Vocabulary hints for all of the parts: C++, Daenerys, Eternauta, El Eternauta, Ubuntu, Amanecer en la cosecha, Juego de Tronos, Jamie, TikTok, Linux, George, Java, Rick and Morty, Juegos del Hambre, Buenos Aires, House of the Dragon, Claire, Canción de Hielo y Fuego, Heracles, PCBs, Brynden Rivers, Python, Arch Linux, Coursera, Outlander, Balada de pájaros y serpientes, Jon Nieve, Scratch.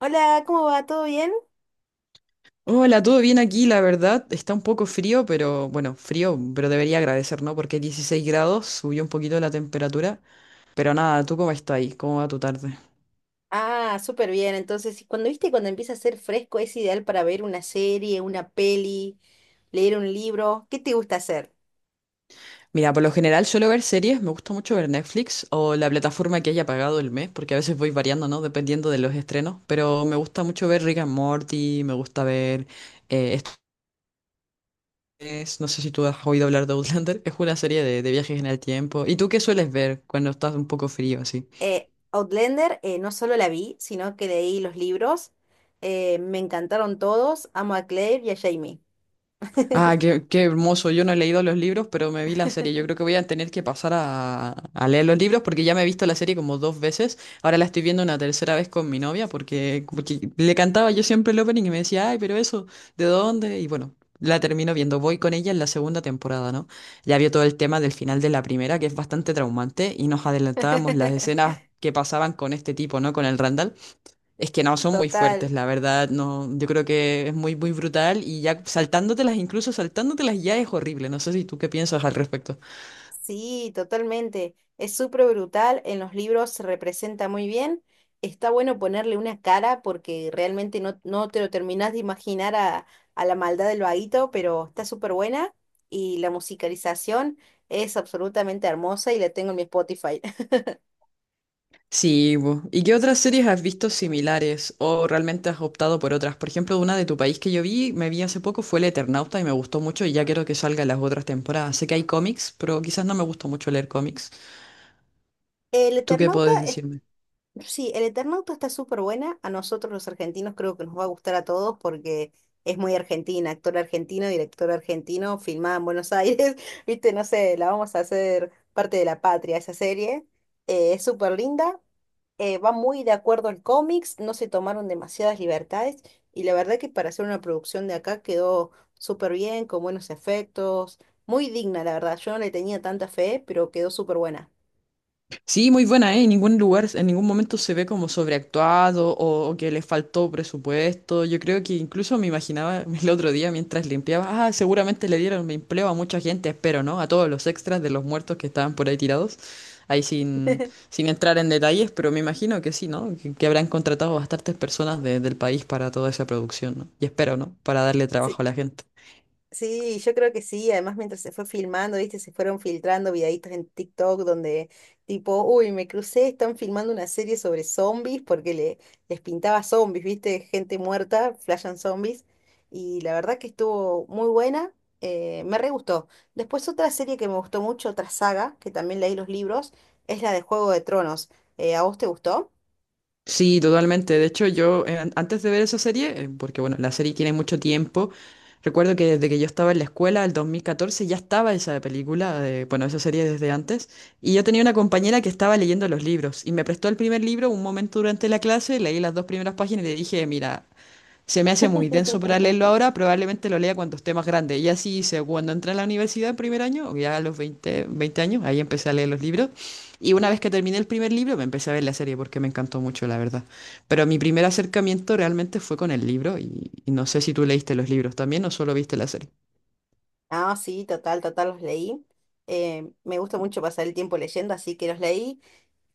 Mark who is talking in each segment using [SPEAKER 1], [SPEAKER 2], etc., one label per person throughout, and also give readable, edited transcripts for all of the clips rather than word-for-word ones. [SPEAKER 1] Hola, ¿cómo va? ¿Todo bien?
[SPEAKER 2] Hola, todo bien aquí, la verdad. Está un poco frío, pero bueno, frío, pero debería agradecer, ¿no? Porque 16 grados, subió un poquito la temperatura. Pero nada, ¿tú cómo estás ahí? ¿Cómo va tu tarde?
[SPEAKER 1] Ah, súper bien. Entonces, y cuando viste, cuando empieza a ser fresco, es ideal para ver una serie, una peli, leer un libro. ¿Qué te gusta hacer?
[SPEAKER 2] Mira, por lo general suelo ver series, me gusta mucho ver Netflix o la plataforma que haya pagado el mes, porque a veces voy variando, ¿no? Dependiendo de los estrenos. Pero me gusta mucho ver Rick and Morty, me gusta ver... eh, esto no sé si tú has oído hablar de Outlander, es una serie de viajes en el tiempo. ¿Y tú qué sueles ver cuando estás un poco frío así?
[SPEAKER 1] Outlander, no solo la vi, sino que leí los libros. Me encantaron todos. Amo a Claire y a Jamie.
[SPEAKER 2] Ah, qué, qué hermoso. Yo no he leído los libros, pero me vi la serie. Yo creo que voy a tener que pasar a leer los libros porque ya me he visto la serie como dos veces. Ahora la estoy viendo una tercera vez con mi novia porque, le cantaba yo siempre el opening y me decía, ay, pero eso, ¿de dónde? Y bueno, la termino viendo. Voy con ella en la segunda temporada, ¿no? Ya vio todo el tema del final de la primera, que es bastante traumante, y nos adelantábamos las escenas que pasaban con este tipo, ¿no? Con el Randall. Es que no, son muy
[SPEAKER 1] Total.
[SPEAKER 2] fuertes, la verdad, no, yo creo que es muy, muy brutal y ya saltándotelas, incluso saltándotelas ya es horrible, no sé si tú qué piensas al respecto.
[SPEAKER 1] Sí, totalmente. Es súper brutal. En los libros se representa muy bien. Está bueno ponerle una cara porque realmente no te lo terminás de imaginar a la maldad del vaguito, pero está súper buena. Y la musicalización es absolutamente hermosa y la tengo en mi Spotify.
[SPEAKER 2] Sí, bu. ¿Y qué otras series has visto similares o realmente has optado por otras? Por ejemplo, una de tu país que yo vi, me vi hace poco, fue El Eternauta y me gustó mucho y ya quiero que salgan las otras temporadas. Sé que hay cómics, pero quizás no me gusta mucho leer cómics.
[SPEAKER 1] El
[SPEAKER 2] ¿Tú qué
[SPEAKER 1] Eternauta.
[SPEAKER 2] puedes decirme?
[SPEAKER 1] Sí, el Eternauta está súper buena. A nosotros los argentinos creo que nos va a gustar a todos porque es muy argentina, actor argentino, director argentino, filmada en Buenos Aires. Viste, no sé, la vamos a hacer parte de la patria esa serie. Es súper linda, va muy de acuerdo al cómics, no se tomaron demasiadas libertades y la verdad que para hacer una producción de acá quedó súper bien, con buenos efectos, muy digna, la verdad. Yo no le tenía tanta fe, pero quedó súper buena.
[SPEAKER 2] Sí, muy buena, ¿eh? En ningún lugar, en ningún momento se ve como sobreactuado o, que le faltó presupuesto. Yo creo que incluso me imaginaba el otro día mientras limpiaba, ah, seguramente le dieron empleo a mucha gente, espero, ¿no? A todos los extras de los muertos que estaban por ahí tirados. Ahí sin, sin entrar en detalles, pero me imagino que sí, ¿no? Que, habrán contratado bastantes personas del país para toda esa producción, ¿no? Y espero, ¿no? Para darle trabajo a la gente.
[SPEAKER 1] Sí, yo creo que sí. Además, mientras se fue filmando, viste, se fueron filtrando videitos en TikTok donde tipo, uy, me crucé, están filmando una serie sobre zombies porque les pintaba zombies, viste, gente muerta, flashan zombies. Y la verdad que estuvo muy buena, me re gustó. Después otra serie que me gustó mucho, otra saga, que también leí los libros, es la de Juego de Tronos. ¿A vos te gustó?
[SPEAKER 2] Sí, totalmente. De hecho, yo antes de ver esa serie, porque bueno, la serie tiene mucho tiempo, recuerdo que desde que yo estaba en la escuela, el 2014, ya estaba esa película, bueno, esa serie desde antes, y yo tenía una compañera que estaba leyendo los libros y me prestó el primer libro un momento durante la clase, leí las dos primeras páginas y le dije, mira, se me hace muy denso para leerlo ahora, probablemente lo lea cuando esté más grande. Y así hice cuando entré a la universidad en primer año, o ya a los veinte años, ahí empecé a leer los libros. Y una vez que terminé el primer libro, me empecé a ver la serie porque me encantó mucho, la verdad. Pero mi primer acercamiento realmente fue con el libro y no sé si tú leíste los libros también o solo viste la serie.
[SPEAKER 1] Ah, sí, total, total, los leí. Me gusta mucho pasar el tiempo leyendo, así que los leí.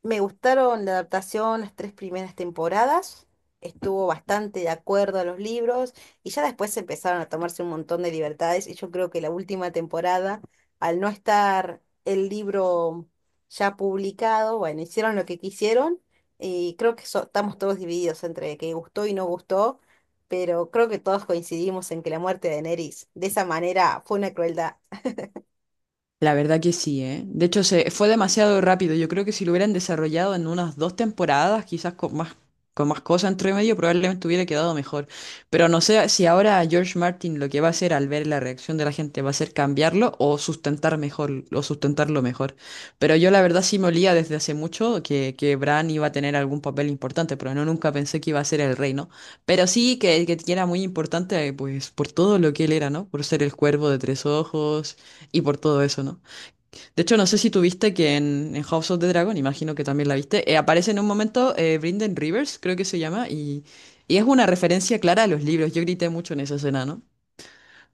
[SPEAKER 1] Me gustaron la adaptación, las tres primeras temporadas, estuvo bastante de acuerdo a los libros y ya después empezaron a tomarse un montón de libertades y yo creo que la última temporada, al no estar el libro ya publicado, bueno, hicieron lo que quisieron y creo que estamos todos divididos entre que gustó y no gustó, pero creo que todos coincidimos en que la muerte de Daenerys de esa manera fue una crueldad.
[SPEAKER 2] La verdad que sí, ¿eh? De hecho, se fue demasiado rápido. Yo creo que si lo hubieran desarrollado en unas dos temporadas, quizás con más cosas entre medio, probablemente hubiera quedado mejor. Pero no sé si ahora George Martin lo que va a hacer al ver la reacción de la gente va a ser cambiarlo o sustentar mejor, o sustentarlo mejor. Pero yo la verdad sí me olía desde hace mucho que, Bran iba a tener algún papel importante, pero no nunca pensé que iba a ser el rey, ¿no? Pero sí que, era muy importante, pues, por todo lo que él era, ¿no? Por ser el cuervo de tres ojos y por todo eso, ¿no? De hecho, no sé si tuviste que en House of the Dragon, imagino que también la viste, aparece en un momento Brynden Rivers, creo que se llama, y, es una referencia clara a los libros. Yo grité mucho en esa escena, ¿no?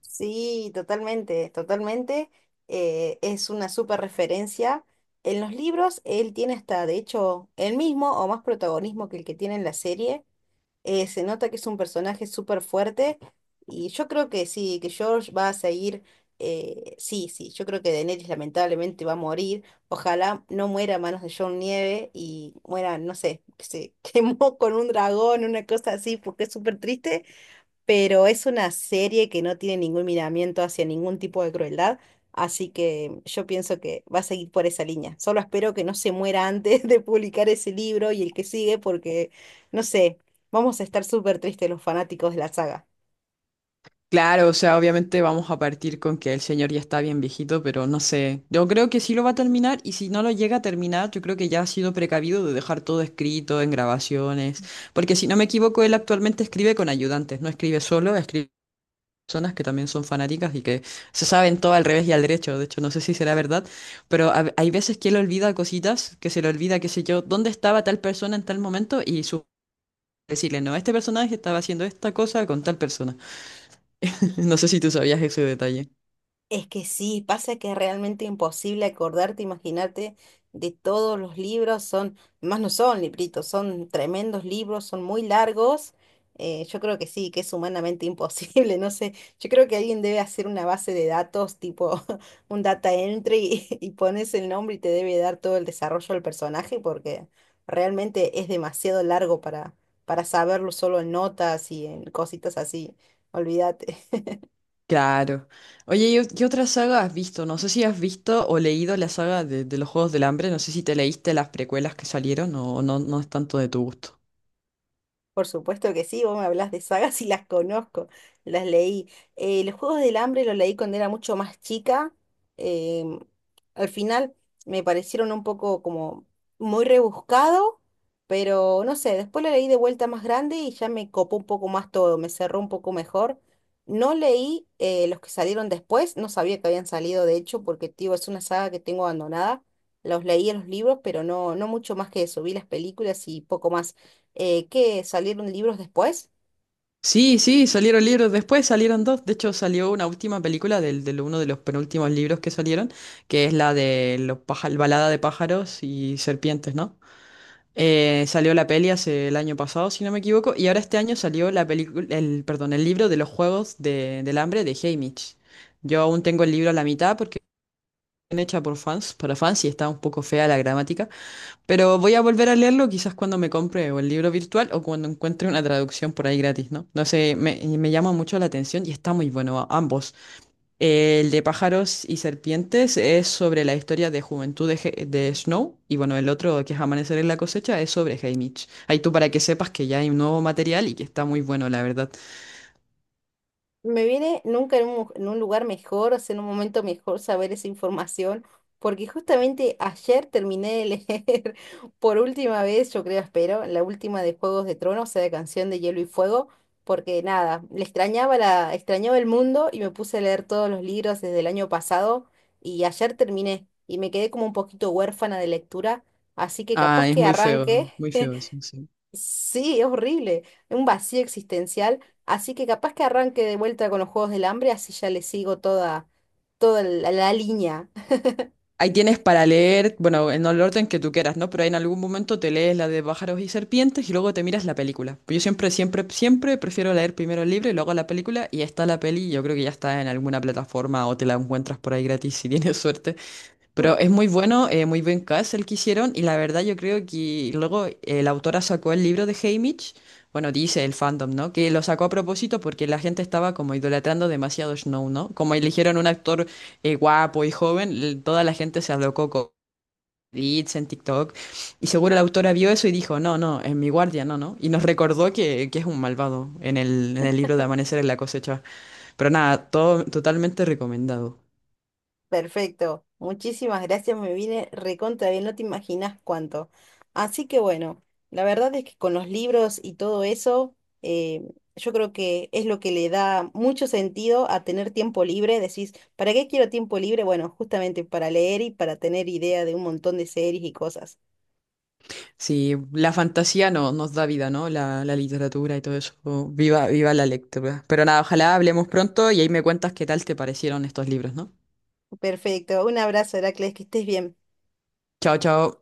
[SPEAKER 1] Sí, totalmente, totalmente. Es una súper referencia. En los libros él tiene hasta, de hecho, el mismo o más protagonismo que el que tiene en la serie. Se nota que es un personaje súper fuerte y yo creo que sí, que George va a seguir, sí, sí, yo creo que Daenerys lamentablemente va a morir. Ojalá no muera a manos de Jon Nieve y muera, no sé, que se quemó con un dragón, una cosa así, porque es súper triste, pero es una serie que no tiene ningún miramiento hacia ningún tipo de crueldad, así que yo pienso que va a seguir por esa línea. Solo espero que no se muera antes de publicar ese libro y el que sigue, porque, no sé, vamos a estar súper tristes los fanáticos de la saga.
[SPEAKER 2] Claro, o sea, obviamente vamos a partir con que el señor ya está bien viejito, pero no sé. Yo creo que sí lo va a terminar y si no lo llega a terminar, yo creo que ya ha sido precavido de dejar todo escrito en grabaciones, porque si no me equivoco, él actualmente escribe con ayudantes, no escribe solo, escribe personas que también son fanáticas y que se saben todo al revés y al derecho. De hecho, no sé si será verdad, pero hay veces que él olvida cositas, que se le olvida, qué sé yo, dónde estaba tal persona en tal momento y su decirle, no, este personaje estaba haciendo esta cosa con tal persona. No sé si tú sabías ese detalle.
[SPEAKER 1] Es que sí, pasa que es realmente imposible acordarte, imaginarte de todos los libros, son, más no son libritos, son tremendos libros, son muy largos. Yo creo que sí, que es humanamente imposible, no sé, yo creo que alguien debe hacer una base de datos, tipo un data entry y pones el nombre y te debe dar todo el desarrollo del personaje porque realmente es demasiado largo para saberlo solo en notas y en cositas así, olvídate.
[SPEAKER 2] Claro. Oye, ¿y qué otra saga has visto? No sé si has visto o leído la saga de los Juegos del Hambre. No sé si te leíste las precuelas que salieron o no, no es tanto de tu gusto.
[SPEAKER 1] Por supuesto que sí, vos me hablas de sagas y las conozco, las leí. Los Juegos del Hambre los leí cuando era mucho más chica. em, al final me parecieron un poco como muy rebuscado, pero no sé, después lo leí de vuelta más grande y ya me copó un poco más todo, me cerró un poco mejor. No leí los que salieron después, no sabía que habían salido de hecho, porque tío, es una saga que tengo abandonada. Los leí en los libros, pero no mucho más que eso. Vi las películas y poco más que salieron libros después.
[SPEAKER 2] Sí, sí, salieron libros después, salieron dos. De hecho, salió una última película del uno de los penúltimos libros que salieron, que es la de los Balada de pájaros y serpientes, ¿no? Salió la peli hace el año pasado, si no me equivoco, y ahora este año salió la película, el, perdón, el libro de los Juegos del Hambre de Haymitch. Yo aún tengo el libro a la mitad porque es hecha por fans, para fans, y está un poco fea la gramática. Pero voy a volver a leerlo quizás cuando me compre o el libro virtual o cuando encuentre una traducción por ahí gratis, ¿no? No sé, y me llama mucho la atención y está muy bueno ambos. El de pájaros y serpientes es sobre la historia de juventud de, de Snow y bueno, el otro que es Amanecer en la cosecha es sobre Haymitch. Ahí tú para que sepas que ya hay un nuevo material y que está muy bueno, la verdad.
[SPEAKER 1] Me viene nunca en un, en un lugar mejor, o sea, en un momento mejor saber esa información, porque justamente ayer terminé de leer por última vez, yo creo, espero, la última de Juegos de Tronos, o sea, de Canción de Hielo y Fuego, porque nada, le extrañaba la, extrañaba el mundo y me puse a leer todos los libros desde el año pasado y ayer terminé y me quedé como un poquito huérfana de lectura, así que
[SPEAKER 2] Ah,
[SPEAKER 1] capaz
[SPEAKER 2] es
[SPEAKER 1] que arranque.
[SPEAKER 2] muy feo eso, sí.
[SPEAKER 1] Sí, es horrible, un vacío existencial, así que capaz que arranque de vuelta con los Juegos del Hambre, así ya le sigo toda, toda la, la línea.
[SPEAKER 2] Ahí tienes para leer, bueno, en el orden que tú quieras, ¿no? Pero en algún momento te lees la de pájaros y serpientes y luego te miras la película. Pues yo siempre, siempre, siempre prefiero leer primero el libro y luego la película y está la peli. Yo creo que ya está en alguna plataforma o te la encuentras por ahí gratis si tienes suerte. Pero es muy bueno, muy buen cast el que hicieron y la verdad yo creo que luego la autora sacó el libro de Haymitch, bueno, dice el fandom, ¿no? Que lo sacó a propósito porque la gente estaba como idolatrando demasiado Snow, ¿no? Como eligieron un actor guapo y joven, toda la gente se alocó con edits en TikTok y seguro la autora vio eso y dijo, no, no, en mi guardia, no, no. Y nos recordó que, es un malvado en el libro de Amanecer en la cosecha. Pero nada, todo totalmente recomendado.
[SPEAKER 1] Perfecto, muchísimas gracias, me viene recontra bien, no te imaginas cuánto. Así que bueno, la verdad es que con los libros y todo eso, eh, yo creo que es lo que le da mucho sentido a tener tiempo libre. Decís, ¿para qué quiero tiempo libre? Bueno, justamente para leer y para tener idea de un montón de series y cosas.
[SPEAKER 2] Sí, la fantasía no, nos da vida, ¿no? La literatura y todo eso. Viva, viva la lectura. Pero nada, ojalá hablemos pronto y ahí me cuentas qué tal te parecieron estos libros, ¿no?
[SPEAKER 1] Perfecto. Un abrazo, Heracles, que estés bien.
[SPEAKER 2] Chao, chao.